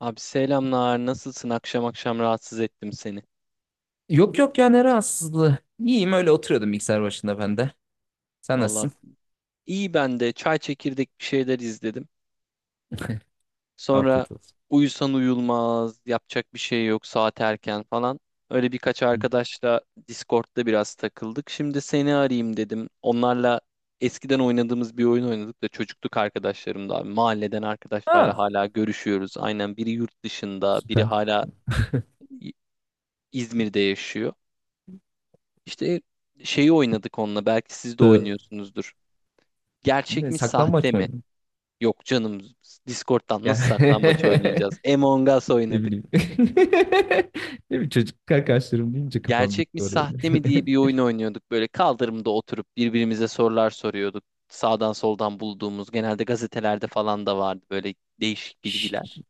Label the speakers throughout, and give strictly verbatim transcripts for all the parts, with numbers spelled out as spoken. Speaker 1: Abi selamlar. Nasılsın? Akşam akşam rahatsız ettim seni.
Speaker 2: Yok yok ya ne rahatsızlığı. İyiyim öyle oturuyordum bilgisayar başında ben de. Sen
Speaker 1: Vallahi
Speaker 2: nasılsın?
Speaker 1: iyi ben de çay çekirdek bir şeyler izledim. Sonra
Speaker 2: Afiyet olsun.
Speaker 1: uyusan uyulmaz, yapacak bir şey yok, saat erken falan. Öyle birkaç
Speaker 2: Hı.
Speaker 1: arkadaşla Discord'da biraz takıldık. Şimdi seni arayayım dedim. Onlarla eskiden oynadığımız bir oyun oynadık da çocukluk arkadaşlarım da abi. Mahalleden arkadaşlarla
Speaker 2: Ha,
Speaker 1: hala görüşüyoruz. Aynen biri yurt dışında, biri
Speaker 2: süper.
Speaker 1: hala İ- İzmir'de yaşıyor. İşte şeyi oynadık onunla. Belki siz de
Speaker 2: Ee,
Speaker 1: oynuyorsunuzdur. Gerçek
Speaker 2: ne,
Speaker 1: mi sahte
Speaker 2: saklambaç mı?
Speaker 1: mi?
Speaker 2: oynadın?
Speaker 1: Yok canım, Discord'dan nasıl saklambaç
Speaker 2: Gel.
Speaker 1: oynayacağız? Among Us
Speaker 2: Ne
Speaker 1: oynadık.
Speaker 2: bileyim. Ne bileyim çocuk arkadaşlarım deyince kafam
Speaker 1: Gerçek mi
Speaker 2: gitti oraya.
Speaker 1: sahte mi diye bir oyun oynuyorduk. Böyle kaldırımda oturup birbirimize sorular soruyorduk. Sağdan soldan bulduğumuz, genelde gazetelerde falan da vardı, böyle değişik bilgiler.
Speaker 2: Hiç,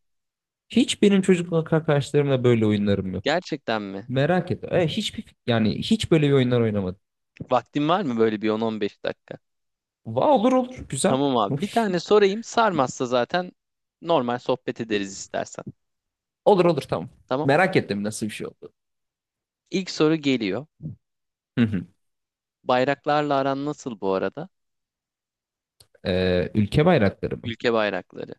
Speaker 2: hiç benim çocukluk arkadaşlarımla böyle oyunlarım yok.
Speaker 1: Gerçekten mi?
Speaker 2: Merak etme. E, hiçbir yani hiç böyle bir oyunlar oynamadım.
Speaker 1: Vaktin var mı böyle bir on on beş dakika?
Speaker 2: Va olur olur güzel.
Speaker 1: Tamam abi. Bir tane sorayım. Sarmazsa zaten normal sohbet ederiz istersen.
Speaker 2: Olur olur tamam.
Speaker 1: Tamam.
Speaker 2: Merak ettim nasıl bir şey oldu.
Speaker 1: İlk soru geliyor. Bayraklarla aran nasıl bu arada?
Speaker 2: Ee, ülke bayrakları mı?
Speaker 1: Ülke bayrakları.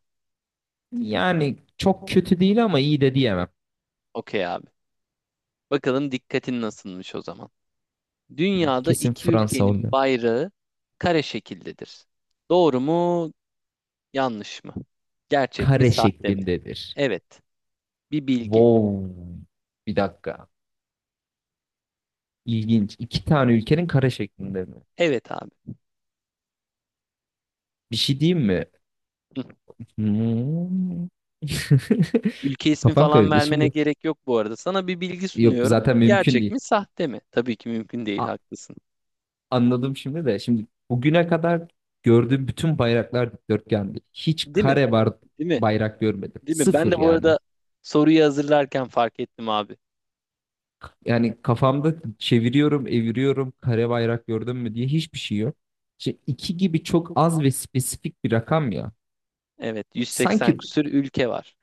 Speaker 2: Yani çok kötü değil ama iyi de diyemem.
Speaker 1: Okey abi. Bakalım dikkatin nasılmış o zaman.
Speaker 2: Hı,
Speaker 1: Dünyada
Speaker 2: Kesin
Speaker 1: iki
Speaker 2: Fransa
Speaker 1: ülkenin
Speaker 2: oluyor.
Speaker 1: bayrağı kare şekildedir. Doğru mu, yanlış mı? Gerçek mi,
Speaker 2: Kare
Speaker 1: sahte mi?
Speaker 2: şeklindedir.
Speaker 1: Evet. Bir bilgi.
Speaker 2: Wow. Bir dakika. İlginç. İki tane ülkenin kare şeklinde mi?
Speaker 1: Evet abi.
Speaker 2: Bir şey diyeyim mi?
Speaker 1: Hı.
Speaker 2: Hmm.
Speaker 1: Ülke ismi
Speaker 2: Kafam
Speaker 1: falan
Speaker 2: karıştı.
Speaker 1: vermene
Speaker 2: Şimdi
Speaker 1: gerek yok bu arada. Sana bir bilgi
Speaker 2: yok
Speaker 1: sunuyorum.
Speaker 2: zaten mümkün
Speaker 1: Gerçek
Speaker 2: değil.
Speaker 1: mi, sahte mi? Tabii ki mümkün değil,
Speaker 2: A-
Speaker 1: haklısın.
Speaker 2: anladım şimdi de. Şimdi bugüne kadar gördüğüm bütün bayraklar dikdörtgendi. Hiç
Speaker 1: Değil mi?
Speaker 2: kare var
Speaker 1: Değil mi?
Speaker 2: bayrak görmedim.
Speaker 1: Değil mi? Ben
Speaker 2: Sıfır
Speaker 1: de bu
Speaker 2: yani.
Speaker 1: arada soruyu hazırlarken fark ettim abi.
Speaker 2: Yani kafamda çeviriyorum, eviriyorum, kare bayrak gördün mü diye hiçbir şey yok. İşte iki gibi çok az ve spesifik bir rakam ya.
Speaker 1: Evet, yüz seksen
Speaker 2: Sanki
Speaker 1: küsür ülke var.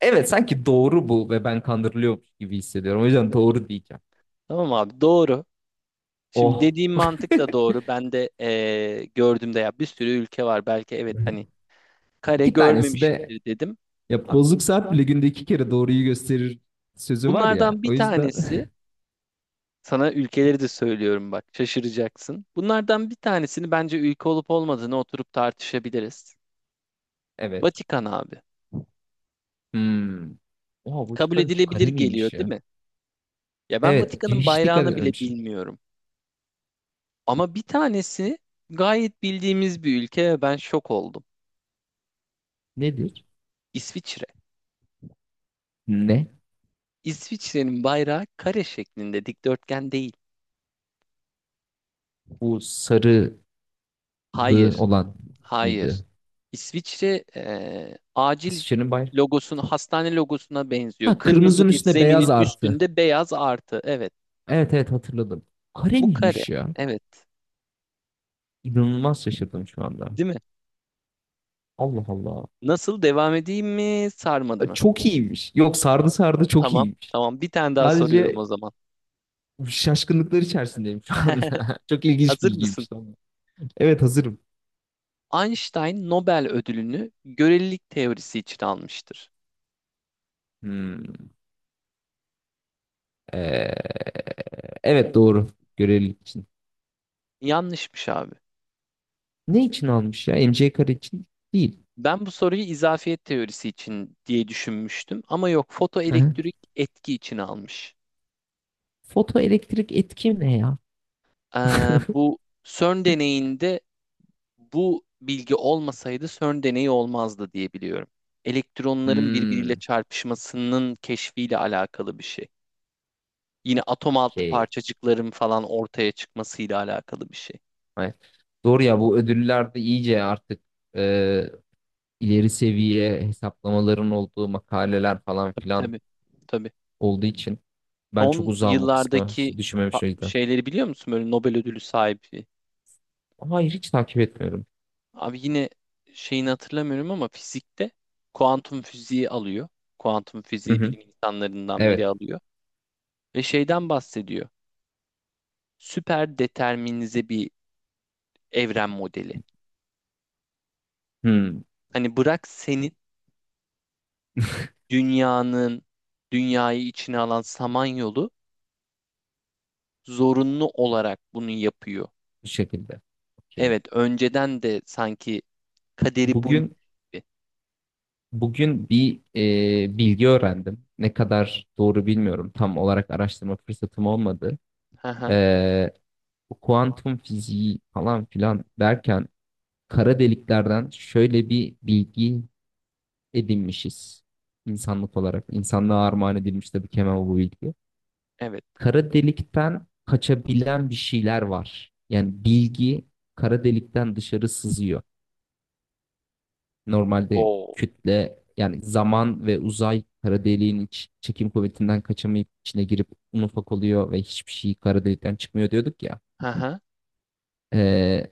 Speaker 2: evet sanki doğru bu ve ben kandırılıyormuş gibi hissediyorum. O yüzden doğru diyeceğim.
Speaker 1: Tamam abi, doğru. Şimdi
Speaker 2: Oh.
Speaker 1: dediğim mantık da doğru. Ben de eee gördüğümde ya bir sürü ülke var. Belki evet hani kare
Speaker 2: İki tanesi de
Speaker 1: görmemişimdir dedim.
Speaker 2: ya
Speaker 1: Abi,
Speaker 2: bozuk saat bile günde iki kere doğruyu gösterir sözü var ya.
Speaker 1: bunlardan bir
Speaker 2: O yüzden
Speaker 1: tanesi, sana ülkeleri de söylüyorum bak şaşıracaksın. Bunlardan bir tanesini bence ülke olup olmadığını oturup tartışabiliriz.
Speaker 2: evet.
Speaker 1: Vatikan abi.
Speaker 2: Hmm. Oha
Speaker 1: Kabul
Speaker 2: Vatikan iki
Speaker 1: edilebilir
Speaker 2: kare
Speaker 1: geliyor
Speaker 2: miymiş
Speaker 1: değil
Speaker 2: ya?
Speaker 1: mi? Ya ben
Speaker 2: Evet
Speaker 1: Vatikan'ın
Speaker 2: hiç dikkat
Speaker 1: bayrağını bile
Speaker 2: etmemişim.
Speaker 1: bilmiyorum. Ama bir tanesi gayet bildiğimiz bir ülke ve ben şok oldum.
Speaker 2: Nedir?
Speaker 1: İsviçre.
Speaker 2: Ne?
Speaker 1: İsviçre'nin bayrağı kare şeklinde, dikdörtgen değil.
Speaker 2: Bu sarılı
Speaker 1: Hayır,
Speaker 2: olan
Speaker 1: hayır.
Speaker 2: mıydı?
Speaker 1: İsviçre eee, acil
Speaker 2: Şirin bayrak.
Speaker 1: logosunu hastane logosuna benziyor.
Speaker 2: Ha
Speaker 1: Kırmızı
Speaker 2: kırmızının
Speaker 1: bir
Speaker 2: üstüne
Speaker 1: zeminin
Speaker 2: beyaz artı.
Speaker 1: üstünde beyaz artı. Evet.
Speaker 2: Evet evet hatırladım. Kare
Speaker 1: Bu kare.
Speaker 2: miymiş ya?
Speaker 1: Evet.
Speaker 2: İnanılmaz şaşırdım şu anda.
Speaker 1: Değil mi?
Speaker 2: Allah Allah.
Speaker 1: Nasıl, devam edeyim mi? Sarmadı
Speaker 2: E,
Speaker 1: mı?
Speaker 2: Çok iyiymiş. Yok sardı sardı çok
Speaker 1: Tamam.
Speaker 2: iyiymiş.
Speaker 1: Tamam. Bir tane daha soruyorum o
Speaker 2: Sadece
Speaker 1: zaman.
Speaker 2: şaşkınlıklar içerisindeyim şu anda. Çok ilginç
Speaker 1: Hazır mısın?
Speaker 2: bilgiymiş. Tamam. Evet hazırım.
Speaker 1: Einstein Nobel ödülünü görelilik teorisi için almıştır.
Speaker 2: Hmm, ee, evet doğru. Görevlilik için.
Speaker 1: Yanlışmış abi.
Speaker 2: Ne için almış ya? M C kare için değil.
Speaker 1: Ben bu soruyu izafiyet teorisi için diye düşünmüştüm ama yok,
Speaker 2: Hı hı.
Speaker 1: fotoelektrik etki için almış.
Speaker 2: Fotoelektrik etki ne ya?
Speaker 1: Ee, bu CERN deneyinde bu bilgi olmasaydı CERN deneyi olmazdı diye biliyorum. Elektronların birbiriyle
Speaker 2: Hmm,
Speaker 1: çarpışmasının keşfiyle alakalı bir şey. Yine atom altı
Speaker 2: okey.
Speaker 1: parçacıkların falan ortaya çıkmasıyla alakalı bir şey.
Speaker 2: Ay, Doğru ya bu ödüllerde iyice artık e, ileri seviye hesaplamaların olduğu makaleler falan
Speaker 1: Tabii
Speaker 2: filan
Speaker 1: tabii. Tabii.
Speaker 2: olduğu için ben çok
Speaker 1: Son
Speaker 2: uzağım o kısma hiç
Speaker 1: yıllardaki fa-
Speaker 2: düşünmemiş o yüzden.
Speaker 1: şeyleri biliyor musun? Böyle Nobel ödülü sahibi.
Speaker 2: Hayır hiç takip etmiyorum.
Speaker 1: Abi yine şeyini hatırlamıyorum ama fizikte kuantum fiziği alıyor. Kuantum
Speaker 2: Hı
Speaker 1: fiziği
Speaker 2: hı.
Speaker 1: bilim insanlarından biri
Speaker 2: Evet.
Speaker 1: alıyor. Ve şeyden bahsediyor. Süper determinize bir evren modeli.
Speaker 2: Hmm.
Speaker 1: Hani bırak senin dünyanın, dünyayı içine alan Samanyolu zorunlu olarak bunu yapıyor.
Speaker 2: Bu şekilde. Okey.
Speaker 1: Evet, önceden de sanki kaderi bu
Speaker 2: Bugün
Speaker 1: gibi.
Speaker 2: bugün bir e, bilgi öğrendim. Ne kadar doğru bilmiyorum. Tam olarak araştırma fırsatım olmadı.
Speaker 1: Hı hı,
Speaker 2: E, bu kuantum fiziği falan filan derken kara deliklerden şöyle bir bilgi edinmişiz insanlık olarak. İnsanlığa armağan edilmiş tabii ki hemen bu bilgi.
Speaker 1: evet.
Speaker 2: Kara delikten kaçabilen bir şeyler var. Yani bilgi kara delikten dışarı sızıyor. Normalde
Speaker 1: Wow,
Speaker 2: kütle yani zaman ve uzay kara deliğin iç- çekim kuvvetinden kaçamayıp içine girip un ufak oluyor ve hiçbir şey kara delikten çıkmıyor diyorduk ya.
Speaker 1: hı, hı.
Speaker 2: Ee,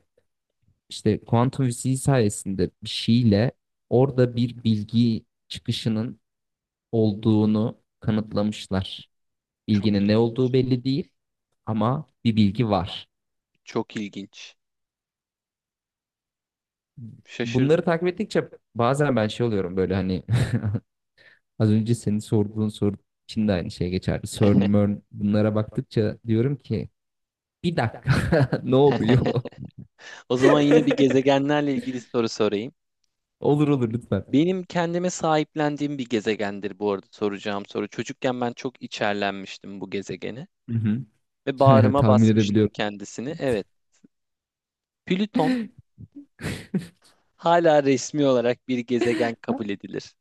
Speaker 2: işte kuantum fiziği sayesinde bir şeyle orada bir bilgi çıkışının olduğunu kanıtlamışlar.
Speaker 1: Çok
Speaker 2: Bilginin ne olduğu
Speaker 1: ilginç.
Speaker 2: belli değil ama bir bilgi var.
Speaker 1: Çok ilginç. Şaşırdım.
Speaker 2: Bunları takip ettikçe bazen ben şey oluyorum böyle hani az önce senin sorduğun soru için de aynı şey geçerli. CERN, MERN bunlara baktıkça diyorum ki bir dakika ne oluyor?
Speaker 1: O zaman yine bir gezegenlerle ilgili soru sorayım.
Speaker 2: Olur olur lütfen.
Speaker 1: Benim kendime sahiplendiğim bir gezegendir bu arada soracağım soru. Çocukken ben çok içerlenmiştim bu gezegene
Speaker 2: Hı hı.
Speaker 1: ve bağrıma
Speaker 2: Tahmin
Speaker 1: basmıştım
Speaker 2: edebiliyorum.
Speaker 1: kendisini. Evet, Plüton hala resmi olarak bir gezegen kabul edilir.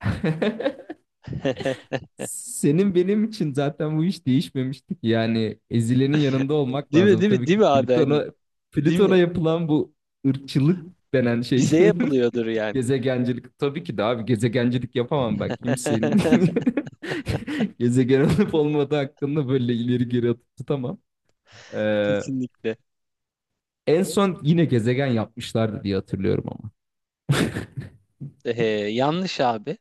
Speaker 2: Senin benim için zaten bu iş değişmemişti ki. Yani ezilenin yanında olmak
Speaker 1: Değil mi,
Speaker 2: lazım.
Speaker 1: değil mi,
Speaker 2: Tabii
Speaker 1: değil
Speaker 2: ki
Speaker 1: mi abi hani?
Speaker 2: Plüton'a
Speaker 1: Değil mi?
Speaker 2: Plüton'a yapılan bu ırkçılık denen şey
Speaker 1: Bize yapılıyordur yani.
Speaker 2: gezegencilik. Tabii ki de abi gezegencilik yapamam ben kimsenin. Gezegen olup olmadığı hakkında böyle ileri geri atıp tutamam. Ee,
Speaker 1: Kesinlikle.
Speaker 2: en son yine gezegen yapmışlardı diye hatırlıyorum ama.
Speaker 1: Ee, yanlış abi.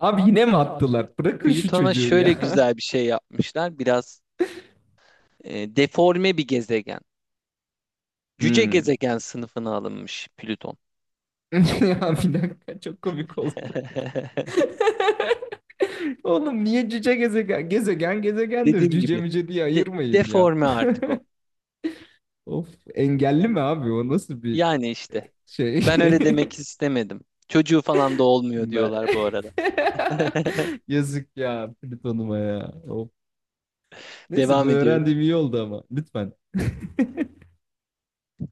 Speaker 2: Abi yine mi attılar? Bırakın şu
Speaker 1: Plüton'a
Speaker 2: çocuğu ya.
Speaker 1: şöyle güzel bir şey yapmışlar. Biraz e, deforme bir gezegen. Cüce
Speaker 2: Hmm.
Speaker 1: gezegen sınıfına alınmış Plüton.
Speaker 2: Ya bir dakika çok komik oldu. Oğlum niye cüce gezegen? Gezegen gezegendir.
Speaker 1: Dediğim
Speaker 2: Cüce
Speaker 1: gibi
Speaker 2: müce diye
Speaker 1: de-
Speaker 2: ayırmayın ya.
Speaker 1: deforme artık o.
Speaker 2: Of engelli mi abi o nasıl bir
Speaker 1: Yani işte.
Speaker 2: şey?
Speaker 1: Ben öyle demek istemedim. Çocuğu falan da olmuyor
Speaker 2: Ben...
Speaker 1: diyorlar bu arada.
Speaker 2: Yazık ya Plüton'uma ya. Of. Neyse
Speaker 1: Devam
Speaker 2: bunu
Speaker 1: ediyorum.
Speaker 2: öğrendiğim iyi oldu ama lütfen.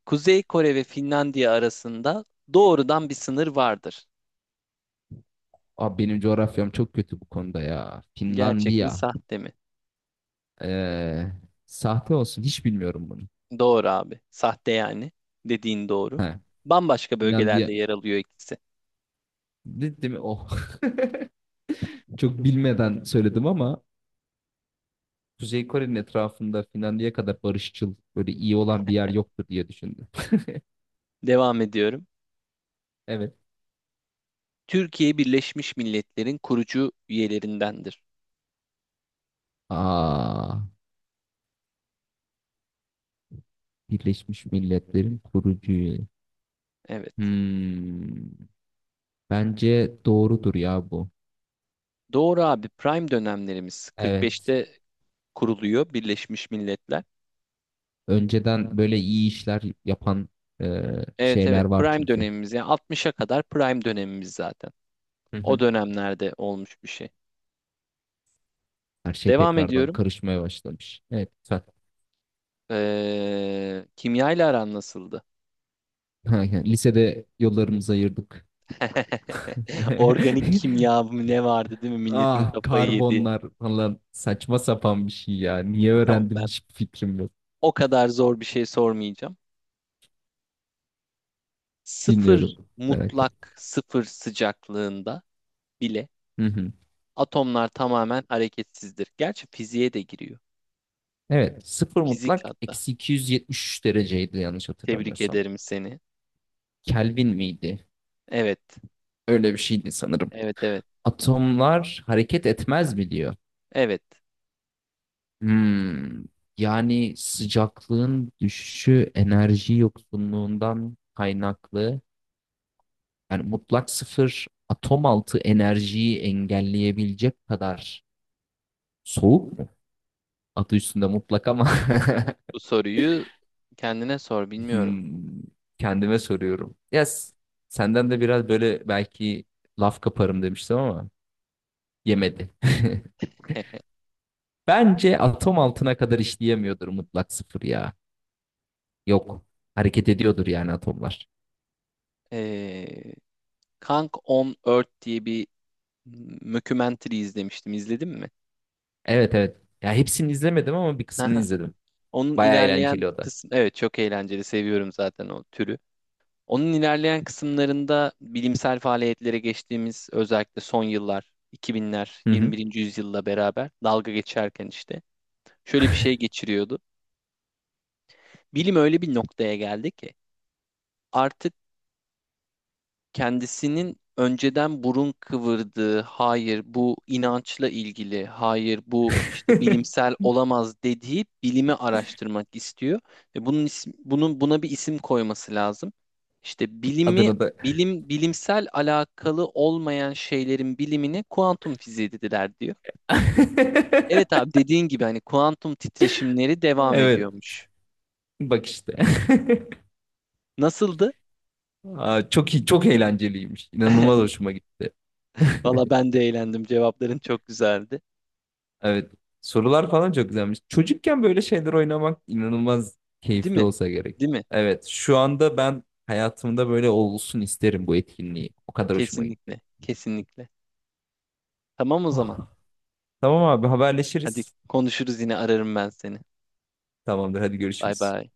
Speaker 1: Kuzey Kore ve Finlandiya arasında doğrudan bir sınır vardır.
Speaker 2: Abi benim coğrafyam çok kötü bu konuda ya.
Speaker 1: Gerçek mi,
Speaker 2: Finlandiya.
Speaker 1: sahte mi?
Speaker 2: Ee, sahte olsun hiç bilmiyorum bunu.
Speaker 1: Doğru abi. Sahte yani. Dediğin doğru.
Speaker 2: He.
Speaker 1: Bambaşka
Speaker 2: Finlandiya.
Speaker 1: bölgelerde yer alıyor ikisi.
Speaker 2: De- Değil mi? Oh. Çok bilmeden söyledim ama Kuzey Kore'nin etrafında Finlandiya kadar barışçıl, böyle iyi olan bir yer yoktur diye düşündü.
Speaker 1: Devam ediyorum.
Speaker 2: Evet.
Speaker 1: Türkiye Birleşmiş Milletler'in kurucu üyelerindendir.
Speaker 2: Aa, Birleşmiş Milletler'in kurucu üyeliği.
Speaker 1: Evet.
Speaker 2: Hmm, bence doğrudur ya bu.
Speaker 1: Doğru abi. Prime dönemlerimiz.
Speaker 2: Evet.
Speaker 1: kırk beşte kuruluyor Birleşmiş Milletler.
Speaker 2: Önceden böyle iyi işler yapan e,
Speaker 1: Evet,
Speaker 2: şeyler
Speaker 1: evet,
Speaker 2: var
Speaker 1: prime
Speaker 2: çünkü.
Speaker 1: dönemimiz yani altmışa kadar prime dönemimiz zaten.
Speaker 2: Hı
Speaker 1: O
Speaker 2: hı.
Speaker 1: dönemlerde olmuş bir şey.
Speaker 2: Her şey
Speaker 1: Devam
Speaker 2: tekrardan
Speaker 1: ediyorum.
Speaker 2: karışmaya başlamış. Evet, güzel.
Speaker 1: Ee, kimya ile aran nasıldı?
Speaker 2: Lisede yollarımızı ayırdık.
Speaker 1: Organik kimya mı ne vardı değil mi? Milletin
Speaker 2: Ah
Speaker 1: kafayı yedi.
Speaker 2: karbonlar falan saçma sapan bir şey ya. Niye
Speaker 1: Tamam,
Speaker 2: öğrendim
Speaker 1: ben
Speaker 2: hiçbir fikrim yok.
Speaker 1: o kadar zor bir şey sormayacağım.
Speaker 2: Dinliyorum
Speaker 1: Sıfır,
Speaker 2: merak et.
Speaker 1: mutlak sıfır sıcaklığında bile
Speaker 2: Hı hı.
Speaker 1: atomlar tamamen hareketsizdir. Gerçi fiziğe de giriyor.
Speaker 2: Evet, sıfır
Speaker 1: Fizik
Speaker 2: mutlak
Speaker 1: hatta.
Speaker 2: eksi iki yüz yetmiş üç dereceydi yanlış
Speaker 1: Tebrik
Speaker 2: hatırlamıyorsam.
Speaker 1: ederim seni.
Speaker 2: Kelvin miydi?
Speaker 1: Evet.
Speaker 2: Öyle bir şeydi sanırım.
Speaker 1: Evet evet.
Speaker 2: Atomlar hareket etmez mi diyor.
Speaker 1: Evet.
Speaker 2: Hmm, Yani sıcaklığın düşüşü enerji yoksunluğundan kaynaklı. Yani mutlak sıfır atom altı enerjiyi engelleyebilecek kadar soğuk mu? Adı üstünde mutlak ama
Speaker 1: Bu soruyu kendine sor, bilmiyorum.
Speaker 2: hmm, kendime soruyorum. Yes, senden de biraz böyle belki laf kaparım demiştim ama yemedi. Bence atom altına kadar işleyemiyordur mutlak sıfır ya. Yok. Hareket ediyordur yani atomlar.
Speaker 1: Ee, Kang on Earth diye bir mockumentary izlemiştim. İzledin mi?
Speaker 2: Evet evet. Ya hepsini izlemedim ama bir kısmını
Speaker 1: Aha.
Speaker 2: izledim.
Speaker 1: Onun
Speaker 2: Baya
Speaker 1: ilerleyen
Speaker 2: eğlenceli o da.
Speaker 1: kısım, evet, çok eğlenceli. Seviyorum zaten o türü. Onun ilerleyen kısımlarında bilimsel faaliyetlere geçtiğimiz, özellikle son yıllar iki binler
Speaker 2: Hı hı.
Speaker 1: yirmi birinci yüzyılla beraber, dalga geçerken işte şöyle bir şey geçiriyordu. Bilim öyle bir noktaya geldi ki artık kendisinin önceden burun kıvırdığı, hayır bu inançla ilgili, hayır bu işte bilimsel olamaz dediği bilimi araştırmak istiyor ve bunun isim, bunun buna bir isim koyması lazım. İşte bilimi,
Speaker 2: Adını da.
Speaker 1: bilim bilimsel alakalı olmayan şeylerin bilimine kuantum fiziği dediler diyor. Evet abi, dediğin gibi hani kuantum titreşimleri devam
Speaker 2: Evet.
Speaker 1: ediyormuş.
Speaker 2: Bak işte.
Speaker 1: Nasıldı?
Speaker 2: Aa, çok iyi, çok eğlenceliymiş. İnanılmaz hoşuma gitti.
Speaker 1: Valla ben de eğlendim. Cevapların çok güzeldi.
Speaker 2: Evet. Sorular falan çok güzelmiş. Çocukken böyle şeyler oynamak inanılmaz
Speaker 1: Değil
Speaker 2: keyifli
Speaker 1: mi?
Speaker 2: olsa gerek.
Speaker 1: Değil mi?
Speaker 2: Evet. Şu anda ben hayatımda böyle olsun isterim bu etkinliği. O kadar hoşuma gitti.
Speaker 1: Kesinlikle. Kesinlikle. Tamam o zaman.
Speaker 2: Ah. Tamam abi
Speaker 1: Hadi
Speaker 2: haberleşiriz.
Speaker 1: konuşuruz, yine ararım ben seni.
Speaker 2: Tamamdır hadi
Speaker 1: Bay
Speaker 2: görüşürüz.
Speaker 1: bay.